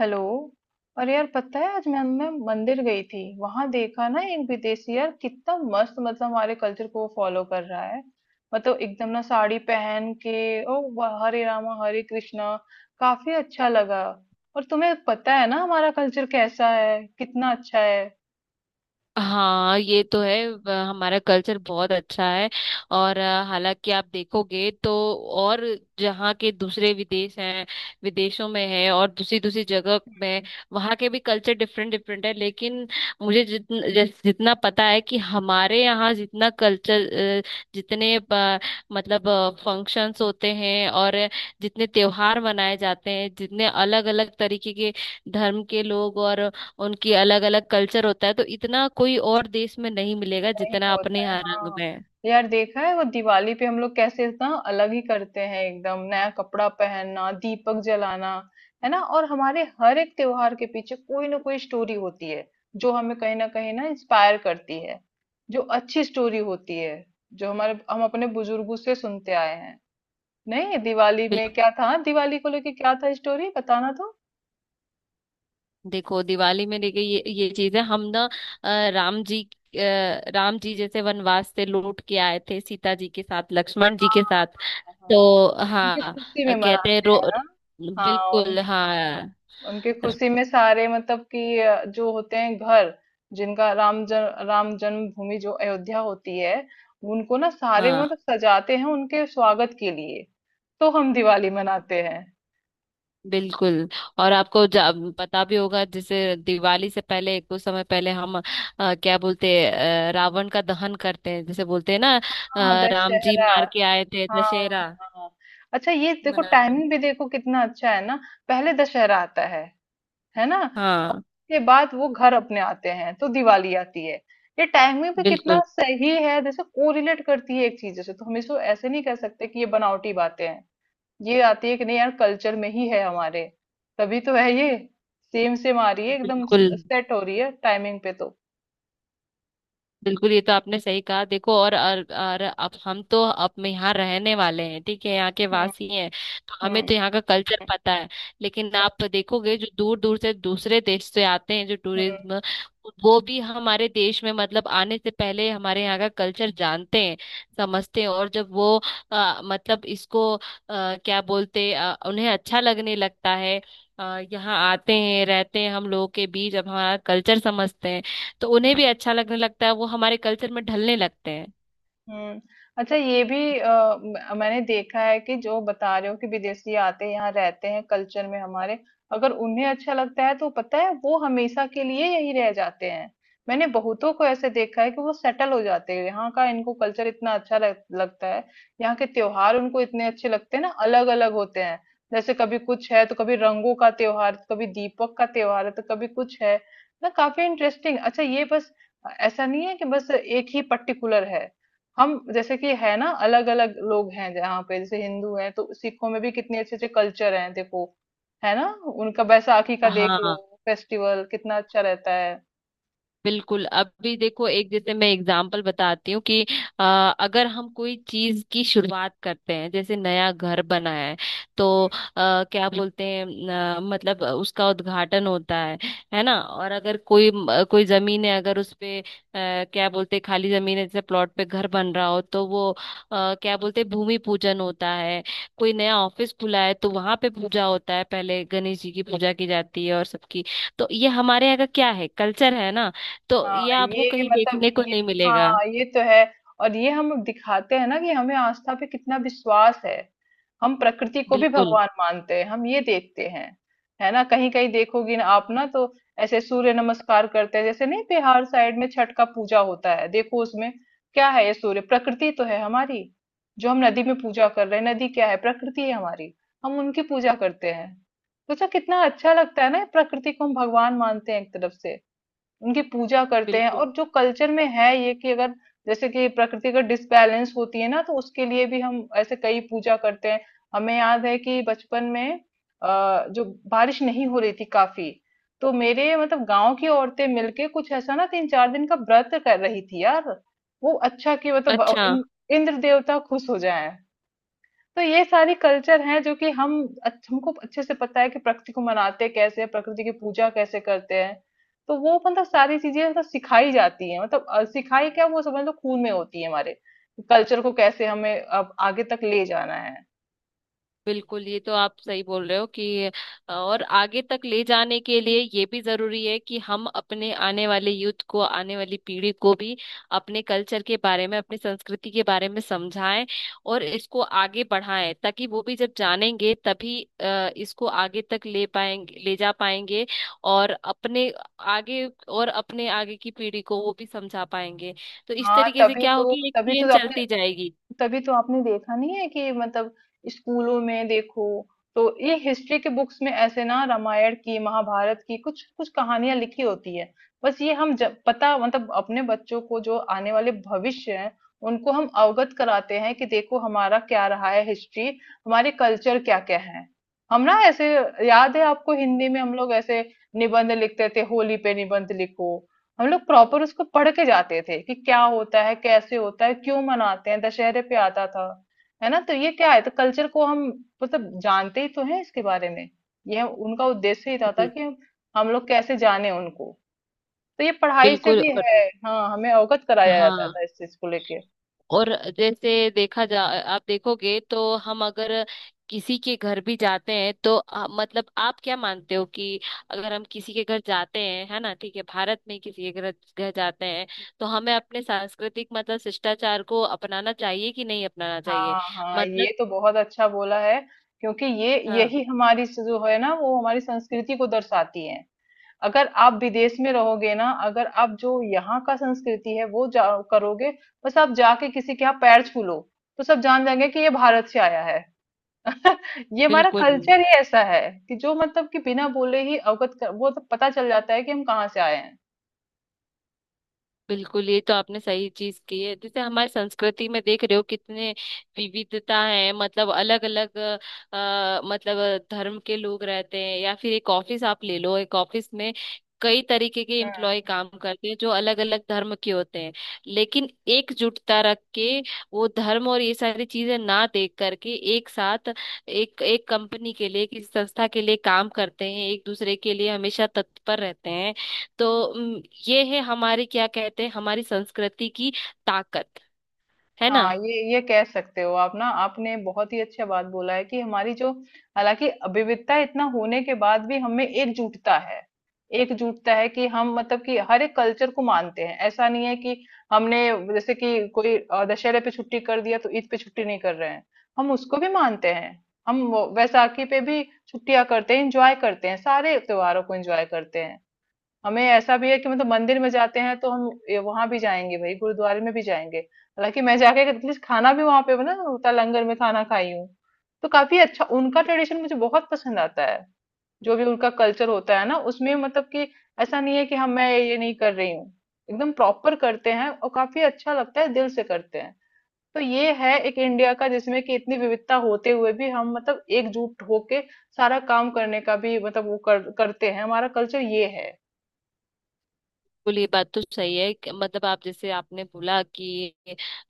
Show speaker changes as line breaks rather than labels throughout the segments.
Hello. और यार, पता है आज मैं मंदिर गई थी। वहां देखा ना, एक विदेशी, यार कितना मस्त। मतलब हमारे कल्चर को वो फॉलो कर रहा है। मतलब एकदम ना साड़ी पहन के, ओ वाह, हरे रामा हरे कृष्णा। काफी अच्छा लगा। और तुम्हें पता है ना हमारा कल्चर कैसा है, कितना अच्छा है।
हाँ, ये तो है। हमारा कल्चर बहुत अच्छा है। और हालांकि आप देखोगे तो, और जहाँ के दूसरे विदेश हैं, विदेशों में है और दूसरी दूसरी जगह में वहाँ के भी कल्चर डिफरेंट डिफरेंट है, लेकिन मुझे जितना जितना पता है कि हमारे यहाँ जितना कल्चर, जितने मतलब फंक्शंस होते हैं और जितने त्योहार मनाए जाते हैं, जितने अलग अलग तरीके के धर्म के लोग, और उनकी अलग अलग कल्चर होता है, तो इतना कोई और देश में नहीं मिलेगा
नहीं
जितना अपने
होता है,
यहाँ रंग
हाँ।
में है।
यार, देखा है वो दिवाली पे हम लोग कैसे ना अलग ही करते हैं, एकदम नया कपड़ा पहनना, दीपक जलाना। है ना। और हमारे हर एक त्योहार के पीछे कोई ना कोई स्टोरी होती है, जो हमें कहीं ना इंस्पायर करती है, जो अच्छी स्टोरी होती है, जो हमारे हम अपने बुजुर्गों से सुनते आए हैं। नहीं दिवाली में
बिल्कुल।
क्या था, दिवाली को लेके क्या था, स्टोरी बताना तो।
देखो दिवाली में, देखिए ये चीज है, हम ना राम जी, राम जी जैसे वनवास से लौट के आए थे, सीता जी के साथ, लक्ष्मण जी
हाँ
के साथ।
हाँ, हाँ,
तो
हाँ। तो उनकी
हाँ,
खुशी में
कहते हैं
मनाते
रो
हैं ना। हाँ।
बिल्कुल हाँ।
उनकी खुशी में सारे मतलब कि जो होते हैं घर, जिनका राम ज, राम जन्मभूमि जो अयोध्या होती है, उनको ना सारे
हाँ,
मतलब सजाते हैं उनके स्वागत के लिए। तो हम दिवाली मनाते हैं।
बिल्कुल। और आपको पता भी होगा, जैसे दिवाली से पहले कुछ समय पहले हम क्या बोलते हैं, रावण का दहन करते हैं, जैसे बोलते हैं ना।
हाँ
राम जी
दशहरा।
मार के आए थे,
हाँ।
दशहरा
हाँ। अच्छा, ये देखो
मनाते हैं।
टाइमिंग भी, देखो कितना अच्छा है ना। पहले दशहरा आता है ना, और
हाँ।
उसके बाद वो घर अपने आते हैं तो दिवाली आती है। ये टाइमिंग भी कितना
बिल्कुल।
सही है, जैसे कोरिलेट करती है एक चीज से। तो हम इसको ऐसे नहीं कह सकते कि ये बनावटी बातें हैं। ये आती है कि नहीं यार, कल्चर में ही है हमारे, तभी तो है ये। सेम सेम आ रही है एकदम,
बिल्कुल।
सेट हो रही है टाइमिंग पे तो।
बिल्कुल, ये तो आपने सही कहा। देखो और अब हम तो अब यहाँ रहने वाले हैं, ठीक है, यहाँ के
हम्म।
वासी हैं। तो हमें तो यहाँ का कल्चर पता है। लेकिन आप देखोगे जो दूर दूर से दूसरे देश से आते हैं, जो
हम्म।
टूरिज्म, वो भी हमारे देश में मतलब आने से पहले हमारे यहाँ का कल्चर जानते हैं, समझते हैं। और जब वो मतलब इसको क्या बोलते उन्हें अच्छा लगने लगता है। यहाँ आते हैं, रहते हैं हम लोगों के बीच, अब हमारा कल्चर समझते हैं, तो उन्हें भी अच्छा लगने लगता है, वो हमारे कल्चर में ढलने लगते हैं।
हम्म। अच्छा, ये भी मैंने देखा है कि जो बता रहे हो कि विदेशी आते हैं, यहाँ रहते हैं कल्चर में हमारे। अगर उन्हें अच्छा लगता है तो पता है वो हमेशा के लिए यही रह जाते हैं। मैंने बहुतों को ऐसे देखा है कि वो सेटल हो जाते हैं, यहाँ का इनको कल्चर इतना अच्छा लगता है। यहाँ के त्योहार उनको इतने अच्छे लगते हैं ना, अलग अलग होते हैं। जैसे कभी कुछ है तो कभी रंगों का त्योहार, कभी दीपक का त्योहार है तो कभी कुछ है ना। काफी इंटरेस्टिंग। अच्छा, ये बस ऐसा नहीं है कि बस एक ही पर्टिकुलर है। हम जैसे कि है ना अलग अलग लोग हैं जहाँ पे, जैसे हिंदू हैं तो सिखों में भी कितने अच्छे अच्छे कल्चर हैं देखो, है ना। उनका बैसाखी का देख लो,
हाँ।
फेस्टिवल कितना अच्छा रहता है।
बिल्कुल, अभी देखो, एक जैसे मैं एग्जांपल बताती हूँ कि अ, अगर हम कोई चीज की शुरुआत करते हैं, जैसे नया घर बना है, तो क्या बोलते हैं, मतलब उसका उद्घाटन होता है ना। और अगर कोई जमीन है, अगर उस पे क्या बोलते हैं, खाली जमीन है, जैसे प्लॉट पे घर बन रहा हो, तो वो क्या बोलते हैं, भूमि पूजन होता है। कोई नया ऑफिस खुला है, तो वहां पे पूजा होता है, पहले गणेश जी की पूजा की जाती है और सबकी। तो ये हमारे यहाँ का क्या है, कल्चर है ना। तो
हाँ,
ये आपको
ये
कहीं
मतलब
देखने को
ये,
नहीं मिलेगा।
हाँ, ये तो है। और ये हम दिखाते हैं ना कि हमें आस्था पे कितना विश्वास है। हम प्रकृति को भी
बिल्कुल।
भगवान मानते हैं, हम ये देखते हैं, है ना? कहीं कहीं देखोगी ना आप ना तो ऐसे सूर्य नमस्कार करते हैं, जैसे नहीं, बिहार साइड में छठ का पूजा होता है। देखो उसमें क्या है, ये सूर्य प्रकृति तो है हमारी। जो हम नदी में पूजा कर रहे हैं, नदी क्या है? प्रकृति है हमारी। हम उनकी पूजा करते हैं। सोचा कितना अच्छा लगता है ना, ये प्रकृति को हम भगवान मानते हैं एक तरफ से, उनकी पूजा करते हैं।
बिल्कुल।
और जो कल्चर में है ये कि अगर जैसे कि प्रकृति का डिसबैलेंस होती है ना, तो उसके लिए भी हम ऐसे कई पूजा करते हैं। हमें याद है कि बचपन में जो बारिश नहीं हो रही थी काफी, तो मेरे मतलब गांव की औरतें मिलके कुछ ऐसा ना 3 4 दिन का व्रत कर रही थी यार। वो अच्छा कि मतलब
अच्छा।
इंद्र देवता खुश हो जाए। तो ये सारी कल्चर हैं जो कि हम, हमको अच्छे से पता है कि प्रकृति को मनाते कैसे हैं, प्रकृति की पूजा कैसे करते हैं। तो वो मतलब सारी चीजें मतलब सिखाई जाती है, मतलब सिखाई क्या, वो समझ लो खून में होती है हमारे, कल्चर को कैसे हमें अब आगे तक ले जाना है।
बिल्कुल, ये तो आप सही बोल रहे हो कि और आगे तक ले जाने के लिए ये भी जरूरी है कि हम अपने आने वाले यूथ को, आने वाली पीढ़ी को भी अपने कल्चर के बारे में, अपनी संस्कृति के बारे में समझाएं और इसको आगे बढ़ाएं, ताकि वो भी जब जानेंगे तभी इसको आगे तक ले पाएंगे, ले जा पाएंगे, और अपने आगे, और अपने आगे की पीढ़ी को वो भी समझा पाएंगे। तो इस
हाँ,
तरीके से
तभी
क्या
तो
होगी, एक
तभी तो
चेन
अपने,
चलती जाएगी।
तभी तो आपने देखा नहीं है कि मतलब स्कूलों में देखो तो ये हिस्ट्री के बुक्स में ऐसे ना रामायण की, महाभारत की कुछ कुछ कहानियां लिखी होती है। बस ये हम जब पता मतलब अपने बच्चों को, जो आने वाले भविष्य है, उनको हम अवगत कराते हैं कि देखो हमारा क्या रहा है हिस्ट्री, हमारे कल्चर क्या क्या है। हम ना ऐसे, याद है आपको हिंदी में हम लोग ऐसे निबंध लिखते थे, होली पे निबंध लिखो, हम लोग प्रॉपर उसको पढ़ के जाते थे कि क्या होता है, कैसे होता है, क्यों मनाते हैं, दशहरे पे आता था, है ना। तो ये क्या है, तो कल्चर को हम मतलब जानते ही तो हैं इसके बारे में। ये उनका उद्देश्य ही था कि हम लोग कैसे जाने उनको। तो ये पढ़ाई से
बिल्कुल।
भी
और
है। हाँ, हमें अवगत कराया जाता
हाँ।
था इस चीज को लेके।
और जैसे देखा जा आप देखोगे तो, हम अगर किसी के घर भी जाते हैं तो मतलब आप क्या मानते हो कि अगर हम किसी के घर जाते हैं, है ना, ठीक है, भारत में किसी के घर घर जाते हैं, तो हमें अपने सांस्कृतिक मतलब शिष्टाचार को अपनाना चाहिए कि नहीं अपनाना चाहिए।
हाँ हाँ,
मतलब
ये तो बहुत अच्छा बोला है। क्योंकि ये
हाँ,
यही हमारी जो है ना, वो हमारी संस्कृति को दर्शाती है। अगर आप विदेश में रहोगे ना, अगर आप जो यहाँ का संस्कृति है वो जा करोगे, बस आप जाके किसी के यहाँ पैर छू लो तो सब जान जाएंगे कि ये भारत से आया है। ये हमारा
बिल्कुल।
कल्चर ही ऐसा है कि जो मतलब कि बिना बोले ही वो तो पता चल जाता है कि हम कहाँ से आए हैं।
बिल्कुल, ये तो आपने सही चीज की है। जैसे हमारी संस्कृति में देख रहे हो कितने विविधता है, मतलब अलग अलग, मतलब धर्म के लोग रहते हैं, या फिर एक ऑफिस आप ले लो, एक ऑफिस में कई तरीके के
हम्म।
एम्प्लॉय काम करते हैं जो अलग अलग धर्म के होते हैं। लेकिन एकजुटता रख के, वो धर्म और ये सारी चीजें ना देख करके, एक साथ एक एक कंपनी के लिए, किसी संस्था के लिए काम करते हैं, एक दूसरे के लिए हमेशा तत्पर रहते हैं। तो ये है हमारे, क्या कहते हैं, हमारी संस्कृति की ताकत, है ना।
हाँ, ये कह सकते हो आप ना, आपने बहुत ही अच्छा बात बोला है कि हमारी जो, हालाँकि विविधता इतना होने के बाद भी हमें एकजुटता है। एकजुटता है कि हम मतलब कि हर एक कल्चर को मानते हैं। ऐसा नहीं है कि हमने, जैसे कि कोई दशहरे पे छुट्टी कर दिया तो ईद पे छुट्टी नहीं कर रहे हैं। हम उसको भी मानते हैं। हम वो वैसाखी पे भी छुट्टियाँ करते हैं, एन्जॉय करते हैं, सारे त्योहारों को एन्जॉय करते हैं। हमें ऐसा भी है कि मतलब मंदिर में जाते हैं तो हम ये वहां भी जाएंगे, भाई गुरुद्वारे में भी जाएंगे। हालांकि मैं जाके एटलीस्ट खाना भी वहां पे ना उता लंगर में खाना खाई हूँ। तो काफी अच्छा उनका ट्रेडिशन मुझे बहुत पसंद आता है। जो भी उनका कल्चर होता है ना उसमें मतलब कि ऐसा नहीं है कि हम, मैं ये नहीं कर रही हूँ, एकदम प्रॉपर करते हैं और काफी अच्छा लगता है, दिल से करते हैं। तो ये है एक इंडिया का, जिसमें कि इतनी विविधता होते हुए भी हम मतलब एकजुट होके सारा काम करने का भी मतलब वो करते हैं, हमारा कल्चर ये है।
बिल्कुल। ये बात तो सही है कि मतलब, आप जैसे आपने बोला कि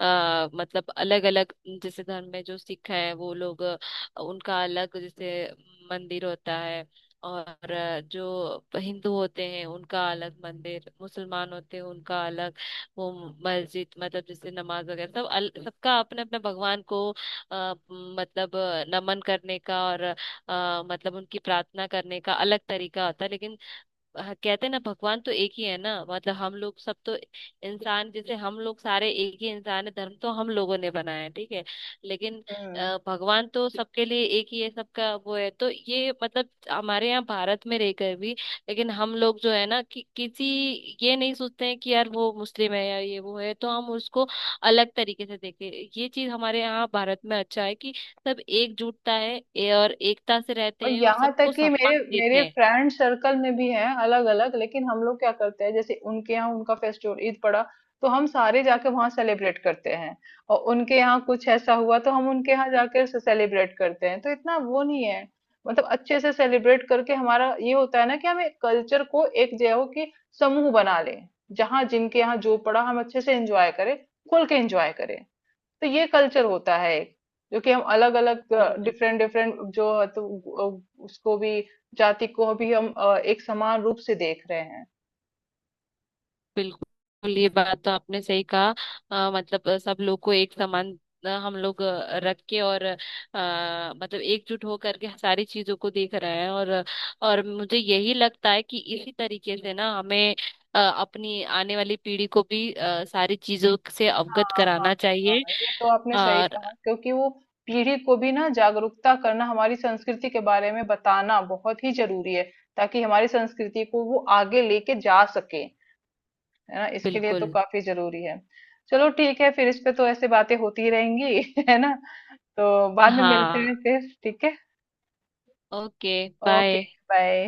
मतलब अलग अलग, जैसे धर्म में जो सिख है वो लोग, उनका अलग, जैसे मंदिर होता है। और जो हिंदू होते हैं उनका अलग मंदिर, मुसलमान होते हैं उनका अलग, वो मस्जिद। मतलब जैसे नमाज वगैरह, सब सबका अपने अपने भगवान को नमन करने का, और मतलब उनकी प्रार्थना करने का अलग तरीका होता है। लेकिन हाँ, कहते हैं ना भगवान तो एक ही है ना, मतलब हम लोग सब तो इंसान, जैसे हम लोग सारे एक ही इंसान है, धर्म तो हम लोगों ने बनाया है, ठीक है। लेकिन
हम्म।
भगवान तो सबके लिए एक ही है, सबका वो है। तो ये मतलब हमारे यहाँ भारत में रहकर भी, लेकिन हम लोग जो है ना, कि किसी, ये नहीं सोचते हैं कि यार वो मुस्लिम है या ये वो है तो हम उसको अलग तरीके से देखें। ये चीज हमारे यहाँ भारत में अच्छा है कि सब एकजुटता है और एकता से
और
रहते हैं और
यहाँ
सबको
तक कि
सम्मान
मेरे मेरे
देते
फ्रेंड सर्कल में भी हैं अलग अलग, लेकिन हम लोग क्या करते हैं जैसे उनके यहाँ उनका फेस्टिवल ईद पड़ा तो हम सारे जाके वहाँ सेलिब्रेट करते हैं, और उनके यहाँ कुछ ऐसा हुआ तो हम उनके यहाँ जाके सेलिब्रेट करते हैं, तो इतना वो नहीं है। मतलब अच्छे से सेलिब्रेट करके हमारा ये होता है ना कि हम एक कल्चर को, एक जो है वो कि समूह बना लें, जहाँ जिनके यहाँ जो पड़ा हम अच्छे से एंजॉय करें, खुल के एंजॉय करें। तो ये कल्चर होता है एक, जो कि हम अलग अलग
हैं।
डिफरेंट डिफरेंट जो है तो उसको भी जाति को भी हम एक समान रूप से देख रहे हैं।
बिल्कुल। ये बात तो आपने सही कहा। मतलब सब लोग को एक समान हम लोग रख के और मतलब एकजुट हो करके सारी चीजों को देख रहे हैं। और मुझे यही लगता है कि इसी तरीके से ना हमें अपनी आने वाली पीढ़ी को भी सारी चीजों से अवगत
हाँ हाँ।
कराना चाहिए।
हाँ ये तो आपने सही
और
कहा, क्योंकि वो पीढ़ी को भी ना जागरूकता करना हमारी संस्कृति के बारे में बताना बहुत ही जरूरी है, ताकि हमारी संस्कृति को वो आगे लेके जा सके, है ना, इसके लिए तो
बिल्कुल
काफी जरूरी है। चलो ठीक है, फिर इस पे तो ऐसे बातें होती रहेंगी है ना, तो बाद में मिलते
हाँ।
हैं फिर, ठीक है।
Okay,
okay
bye.
बाय।